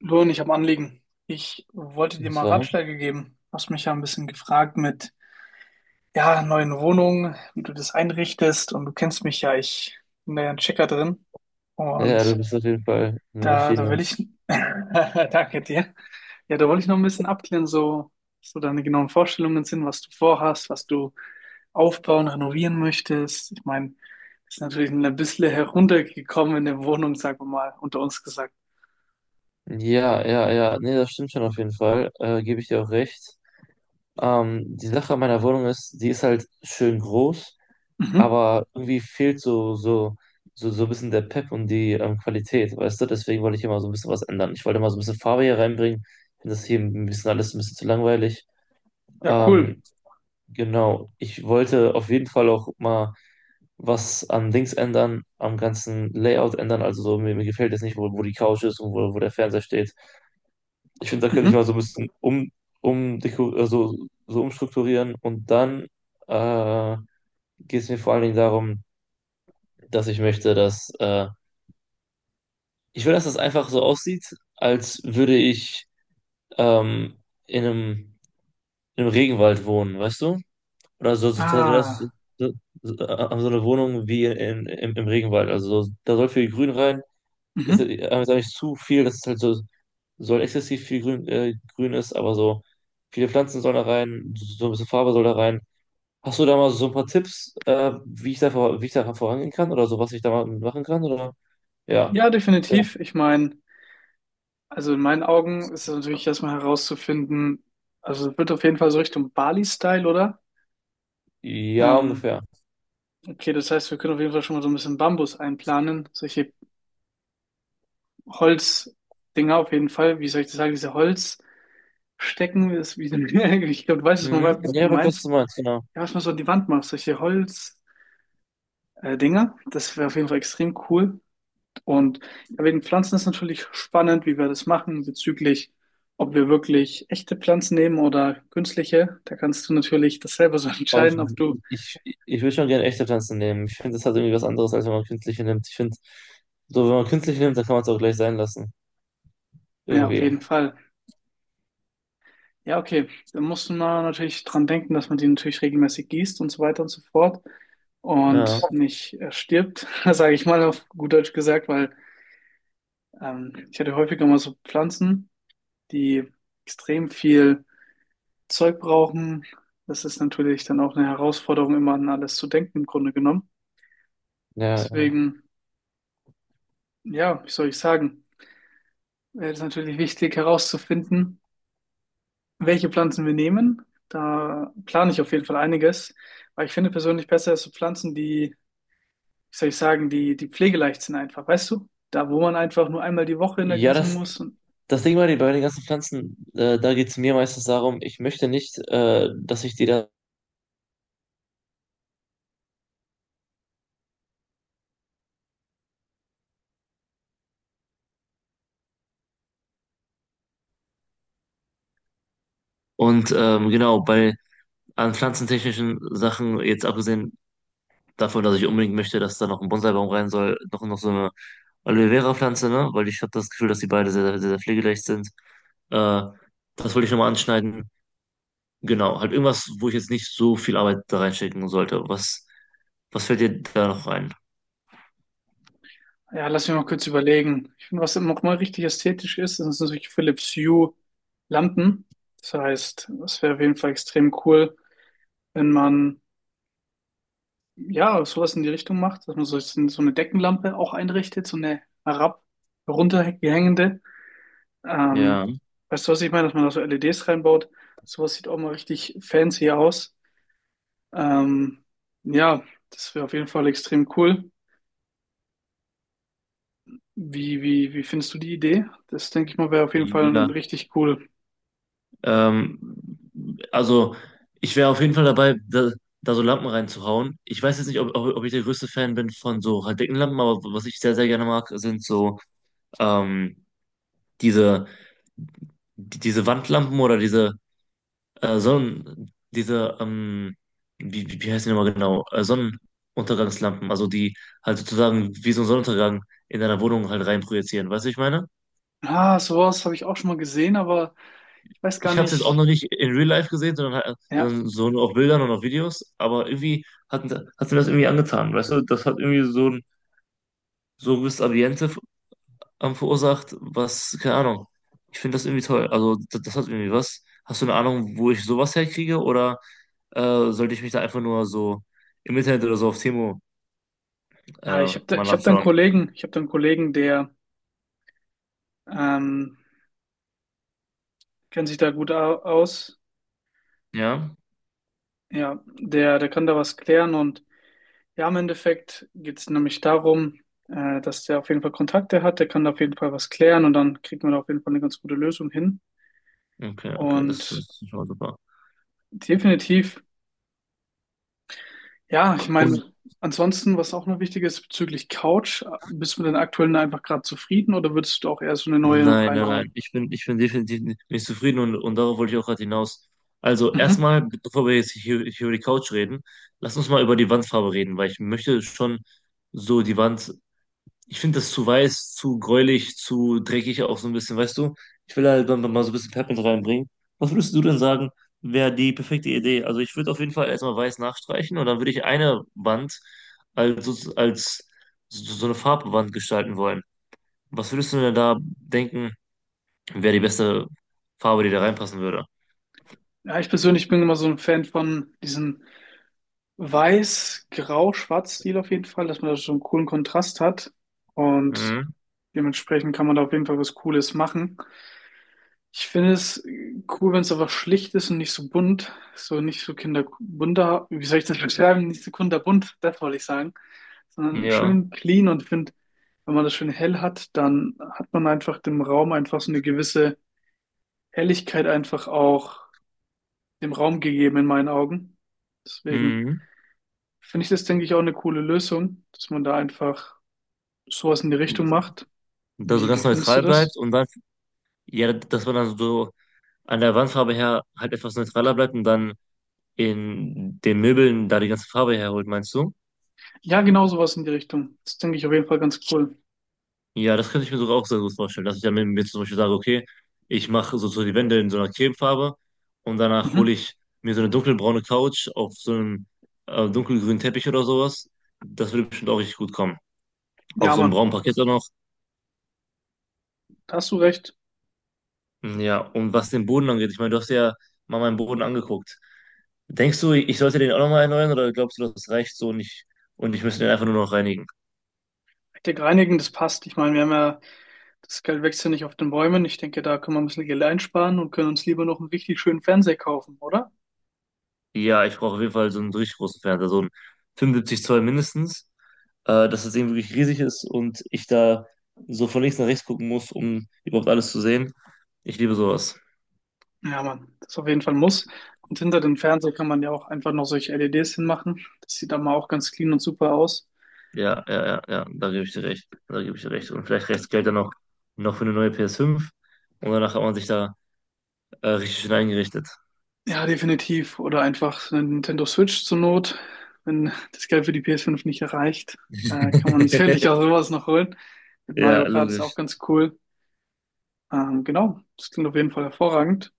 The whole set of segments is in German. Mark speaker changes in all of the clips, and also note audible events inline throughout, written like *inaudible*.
Speaker 1: Luan, ich habe ein Anliegen. Ich wollte dir
Speaker 2: Und
Speaker 1: mal
Speaker 2: zwar,
Speaker 1: Ratschläge geben. Du hast mich ja ein bisschen gefragt mit, ja, neuen Wohnungen, wie du das einrichtest. Und du kennst mich ja, ich bin da ja ein Checker drin.
Speaker 2: ja, du
Speaker 1: Und
Speaker 2: bist auf jeden Fall eine
Speaker 1: da
Speaker 2: Maschine.
Speaker 1: will ich, *laughs* danke dir. Ja, da wollte ich noch ein bisschen abklären, so, so deine genauen Vorstellungen sind, was du vorhast, was du aufbauen, renovieren möchtest. Ich meine, ist natürlich ein bisschen heruntergekommen in der Wohnung, sagen wir mal, unter uns gesagt.
Speaker 2: Ja, ja, ja, nee, das stimmt schon auf jeden Fall. Gebe ich dir auch recht. Die Sache an meiner Wohnung ist, die ist halt schön groß,
Speaker 1: Mhm.
Speaker 2: aber irgendwie fehlt so ein bisschen der Pep und die Qualität, weißt du? Deswegen wollte ich immer so ein bisschen was ändern. Ich wollte mal so ein bisschen Farbe hier reinbringen. Ich finde das hier ein bisschen alles ein bisschen zu langweilig.
Speaker 1: Ja, cool.
Speaker 2: Ähm, genau. Ich wollte auf jeden Fall auch mal was an Dings ändern, am ganzen Layout ändern. Also so, mir gefällt jetzt nicht, wo die Couch ist und wo der Fernseher steht. Ich finde, da könnte ich
Speaker 1: Mhm.
Speaker 2: mal so ein bisschen um, also, so umstrukturieren. Und dann äh, geht es mir vor allen Dingen darum, dass ich möchte, dass ich will, dass das einfach so aussieht, als würde ich ähm, in einem Regenwald wohnen, weißt du? Oder
Speaker 1: Ah.
Speaker 2: so, so so eine Wohnung wie im Regenwald. Also so, da soll viel Grün rein. ist,
Speaker 1: Mhm.
Speaker 2: äh, sag ich, zu viel, das ist halt so, soll exzessiv viel grün, aber so viele Pflanzen sollen da rein, so ein bisschen Farbe soll da rein. Hast du da mal so ein paar Tipps, wie ich da, wie ich da vorangehen kann oder so, was ich da mal machen kann? Oder? Ja.
Speaker 1: Ja,
Speaker 2: Sehr-
Speaker 1: definitiv. Ich meine, also in meinen Augen ist es natürlich erstmal herauszufinden, also es wird auf jeden Fall so Richtung Bali-Style, oder?
Speaker 2: Ja,
Speaker 1: Ähm,
Speaker 2: ungefähr.
Speaker 1: okay, das heißt, wir können auf jeden Fall schon mal so ein bisschen Bambus einplanen, solche Holzdinger auf jeden Fall. Wie soll ich das sagen, diese Holzstecken, ist wie, *laughs* ich glaube, du weißt, was
Speaker 2: Mhm.
Speaker 1: man
Speaker 2: Ja, aber ich weiß, was
Speaker 1: meint,
Speaker 2: du meinst, genau.
Speaker 1: ja, was man so an die Wand macht, solche Holz, Dinger. Das wäre auf jeden Fall extrem cool. Und ja, wegen Pflanzen ist natürlich spannend, wie wir das machen bezüglich, ob wir wirklich echte Pflanzen nehmen oder künstliche. Da kannst du natürlich das selber so *laughs*
Speaker 2: Aber ich,
Speaker 1: entscheiden, ob du,
Speaker 2: ich, ich würde schon gerne echte Pflanzen nehmen. Ich finde, das hat irgendwie was anderes, als wenn man künstliche nimmt. Ich finde, so, wenn man künstliche nimmt, dann kann man es auch gleich sein lassen.
Speaker 1: ja, auf
Speaker 2: Irgendwie.
Speaker 1: jeden Fall. Ja, okay. Da muss man natürlich dran denken, dass man die natürlich regelmäßig gießt und so weiter und so fort
Speaker 2: Ja,
Speaker 1: und nicht stirbt, *laughs* sage ich mal auf gut Deutsch gesagt, weil ich hatte häufiger mal so Pflanzen, die extrem viel Zeug brauchen. Das ist natürlich dann auch eine Herausforderung, immer an alles zu denken, im Grunde genommen.
Speaker 2: ja.
Speaker 1: Deswegen, ja, wie soll ich sagen, ist natürlich wichtig herauszufinden, welche Pflanzen wir nehmen. Da plane ich auf jeden Fall einiges, weil ich finde persönlich besser ist so Pflanzen, die, wie soll ich sagen, die pflegeleicht sind einfach, weißt du? Da, wo man einfach nur einmal die Woche in der
Speaker 2: Ja,
Speaker 1: gießen
Speaker 2: das,
Speaker 1: muss und
Speaker 2: Das Ding war, die- bei den ganzen Pflanzen, da geht es mir meistens darum, ich möchte nicht, dass ich die da. Und genau, bei an pflanzentechnischen Sachen, jetzt abgesehen davon, dass ich unbedingt möchte, dass da noch ein Bonsaibaum rein soll, noch so eine Aloe Vera-Pflanze, ne? Weil ich habe das Gefühl, dass die beide sehr, sehr, sehr pflegeleicht sind. Äh, Das wollte ich nochmal anschneiden. Genau, halt irgendwas, wo ich jetzt nicht so viel Arbeit da reinstecken sollte. Was fällt dir da noch ein?
Speaker 1: ja, lass mich mal kurz überlegen. Ich finde, was nochmal richtig ästhetisch ist, das sind solche Philips Hue Lampen. Das heißt, es wäre auf jeden Fall extrem cool, wenn man ja sowas in die Richtung macht, dass man so eine Deckenlampe auch einrichtet, so eine herab, runterhängende. Ähm,
Speaker 2: Ja,
Speaker 1: Weißt du, was ich meine? Dass man da so LEDs reinbaut. Sowas sieht auch mal richtig fancy aus. Ähm, ja, das wäre auf jeden Fall extrem cool. Wie findest du die Idee? Das denke ich mal, wäre auf jeden Fall ein
Speaker 2: ja.
Speaker 1: richtig cool.
Speaker 2: Ähm, also ich wäre auf jeden Fall dabei, da so Lampen reinzuhauen. Ich weiß jetzt nicht, ob ich der größte Fan bin von so halt dicken Lampen, aber was ich sehr, sehr gerne mag, sind so ähm, diese, diese Wandlampen oder diese Sonnen, diese, wie, wie wie heißt die nochmal genau? Sonnenuntergangslampen, also die halt sozusagen wie so ein Sonnenuntergang in deiner Wohnung halt reinprojizieren. Weißt du, was ich meine?
Speaker 1: Ah, sowas habe ich auch schon mal gesehen, aber ich weiß gar
Speaker 2: Ich habe es jetzt auch
Speaker 1: nicht.
Speaker 2: noch nicht in Real Life gesehen, sondern
Speaker 1: Ja,
Speaker 2: sondern so nur auf Bildern und auf Videos, aber irgendwie hat mir das irgendwie angetan, weißt du? Das hat irgendwie so ein gewisses Ambiente verursacht, was, keine Ahnung. Ich finde das irgendwie toll. Also das, das hat irgendwie was. Hast du eine Ahnung, wo ich sowas herkriege oder sollte ich mich da einfach nur so im Internet oder so auf Timo
Speaker 1: ja ich habe da,
Speaker 2: mal
Speaker 1: ich hab da einen
Speaker 2: nachschauen?
Speaker 1: Kollegen, ich habe da einen Kollegen, der ähm, kennt sich da gut aus.
Speaker 2: Ja?
Speaker 1: Ja, der kann da was klären und ja, im Endeffekt geht es nämlich darum, dass der auf jeden Fall Kontakte hat, der kann da auf jeden Fall was klären und dann kriegt man da auf jeden Fall eine ganz gute Lösung hin.
Speaker 2: Okay, okay, das
Speaker 1: Und
Speaker 2: ist schon mal super.
Speaker 1: definitiv, ja, ich
Speaker 2: Und
Speaker 1: meine, ansonsten, was auch noch wichtig ist bezüglich Couch, bist du mit den aktuellen einfach gerade zufrieden oder würdest du auch eher so eine neue noch
Speaker 2: nein, nein,
Speaker 1: reinhauen?
Speaker 2: nein. Ich bin definitiv nicht zufrieden und darauf wollte ich auch gerade hinaus. Also
Speaker 1: Mhm.
Speaker 2: erstmal, bevor wir jetzt hier über die Couch reden, lass uns mal über die Wandfarbe reden, weil ich möchte schon so die Wand. Ich finde das zu weiß, zu gräulich, zu dreckig auch so ein bisschen, weißt du? Ich will halt dann mal so ein bisschen Pep mit reinbringen. Was würdest du denn sagen, wäre die perfekte Idee? Also ich würde auf jeden Fall erstmal weiß nachstreichen und dann würde ich eine Wand als so eine Farbwand gestalten wollen. Was würdest du denn da denken? Wäre die beste Farbe, die da reinpassen würde.
Speaker 1: Ja, ich persönlich bin immer so ein Fan von diesem Weiß-Grau-Schwarz-Stil auf jeden Fall, dass man da so einen coolen Kontrast hat. Und
Speaker 2: Mhm.
Speaker 1: dementsprechend kann man da auf jeden Fall was Cooles machen. Ich finde es cool, wenn es einfach schlicht ist und nicht so bunt. So nicht so kinderbunter, wie soll ich das beschreiben? Nicht so kinderbunt, das wollte ich sagen. Sondern
Speaker 2: Ja.
Speaker 1: schön clean und finde, wenn man das schön hell hat, dann hat man einfach dem Raum einfach so eine gewisse Helligkeit einfach auch dem Raum gegeben in meinen Augen. Deswegen
Speaker 2: Mhm.
Speaker 1: finde ich das, denke ich, auch eine coole Lösung, dass man da einfach sowas in die Richtung macht.
Speaker 2: Da so
Speaker 1: Wie
Speaker 2: ganz
Speaker 1: findest du
Speaker 2: neutral bleibt
Speaker 1: das?
Speaker 2: und dann, ja, dass man dann so an der Wandfarbe her halt etwas neutraler bleibt und dann in den Möbeln da die ganze Farbe herholt, meinst du?
Speaker 1: Ja, genau sowas in die Richtung. Das denke ich auf jeden Fall ganz cool.
Speaker 2: Ja, das könnte ich mir sogar auch sehr gut vorstellen, dass ich dann mit mir zum Beispiel sage, okay, ich mache so die Wände in so einer Cremefarbe und danach hole
Speaker 1: Mhm.
Speaker 2: ich mir so eine dunkelbraune Couch auf so einem dunkelgrünen Teppich oder sowas. Das würde bestimmt auch richtig gut kommen. Auf
Speaker 1: Ja,
Speaker 2: so einem
Speaker 1: Mann,
Speaker 2: braunen Parkett auch noch.
Speaker 1: da hast du recht.
Speaker 2: Hm, ja, und was den Boden angeht, ich meine, du hast ja mal meinen Boden angeguckt. Denkst du, ich sollte den auch nochmal erneuern oder glaubst du, das reicht so und ich müsste den einfach nur noch reinigen?
Speaker 1: Hektik reinigen, das passt. Ich meine, wir haben ja, das Geld wächst ja nicht auf den Bäumen. Ich denke, da können wir ein bisschen Geld einsparen und können uns lieber noch einen richtig schönen Fernseher kaufen, oder?
Speaker 2: Ja, ich brauche auf jeden Fall so einen richtig großen Fernseher, so einen 75 Zoll mindestens, dass das Ding wirklich riesig ist und ich da so von links nach rechts gucken muss, um überhaupt alles zu sehen. Ich liebe sowas.
Speaker 1: Ja, Mann, das ist auf jeden Fall ein Muss. Und hinter den Fernseher kann man ja auch einfach noch solche LEDs hinmachen. Das sieht dann mal auch ganz clean und super aus.
Speaker 2: Ja, ja, ja, ja, da gebe ich dir recht. Da gebe ich dir recht. Und vielleicht reicht das Geld dann noch für eine neue PS5 und danach hat man sich da richtig schön eingerichtet.
Speaker 1: Ja, definitiv. Oder einfach eine Nintendo Switch zur Not. Wenn das Geld für die PS5 nicht erreicht, kann man *laughs* sicherlich
Speaker 2: *laughs*
Speaker 1: auch sowas noch holen. Mit Mario
Speaker 2: Ja,
Speaker 1: Kart ist auch
Speaker 2: logisch.
Speaker 1: ganz cool. Genau, das klingt auf jeden Fall hervorragend.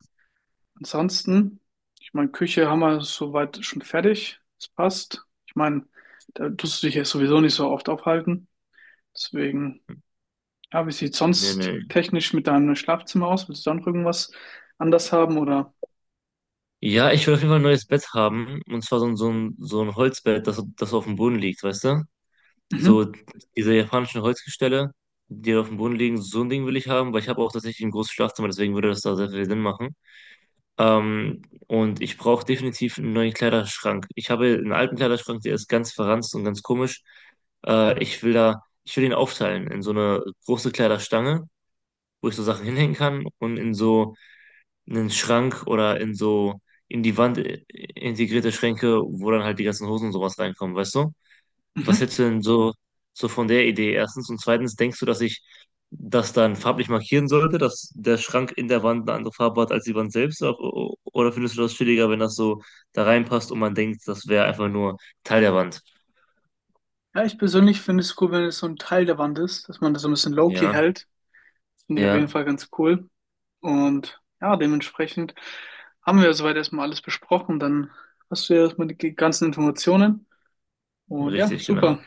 Speaker 1: Ansonsten, ich meine, Küche haben wir soweit schon fertig. Das passt. Ich meine, da tust du dich ja sowieso nicht so oft aufhalten. Deswegen, ja, wie sieht
Speaker 2: Nee,
Speaker 1: sonst
Speaker 2: nee.
Speaker 1: technisch mit deinem Schlafzimmer aus? Willst du da noch irgendwas anders haben oder?
Speaker 2: Ja, ich will auf jeden Fall ein neues Bett haben. Und zwar so ein Holzbett, das auf dem Boden liegt, weißt du?
Speaker 1: Mhm.
Speaker 2: So diese japanischen Holzgestelle, die auf dem Boden liegen, so ein Ding will ich haben, weil ich habe auch tatsächlich ein großes Schlafzimmer, deswegen würde das da sehr viel Sinn machen. Und ich brauche definitiv einen neuen Kleiderschrank. Ich habe einen alten Kleiderschrank, der ist ganz verranzt und ganz komisch. Ich will den aufteilen in so eine große Kleiderstange, wo ich so Sachen hinhängen kann und in so einen Schrank oder in so in die Wand integrierte Schränke, wo dann halt die ganzen Hosen und sowas reinkommen, weißt du? Was
Speaker 1: Mhm.
Speaker 2: hältst du denn so von der Idee? Erstens und zweitens, denkst du, dass ich das dann farblich markieren sollte, dass der Schrank in der Wand eine andere Farbe hat als die Wand selbst? Oder findest du das chilliger, wenn das so da reinpasst und man denkt, das wäre einfach nur Teil der Wand?
Speaker 1: Ja, ich persönlich finde es cool, wenn es so ein Teil der Wand ist, dass man das so ein bisschen low-key
Speaker 2: Ja,
Speaker 1: hält. Das finde ich auf jeden
Speaker 2: ja,
Speaker 1: Fall ganz cool. Und ja, dementsprechend haben wir soweit erstmal alles besprochen. Dann hast du ja erstmal die ganzen Informationen. Und ja,
Speaker 2: richtig, genau.
Speaker 1: super.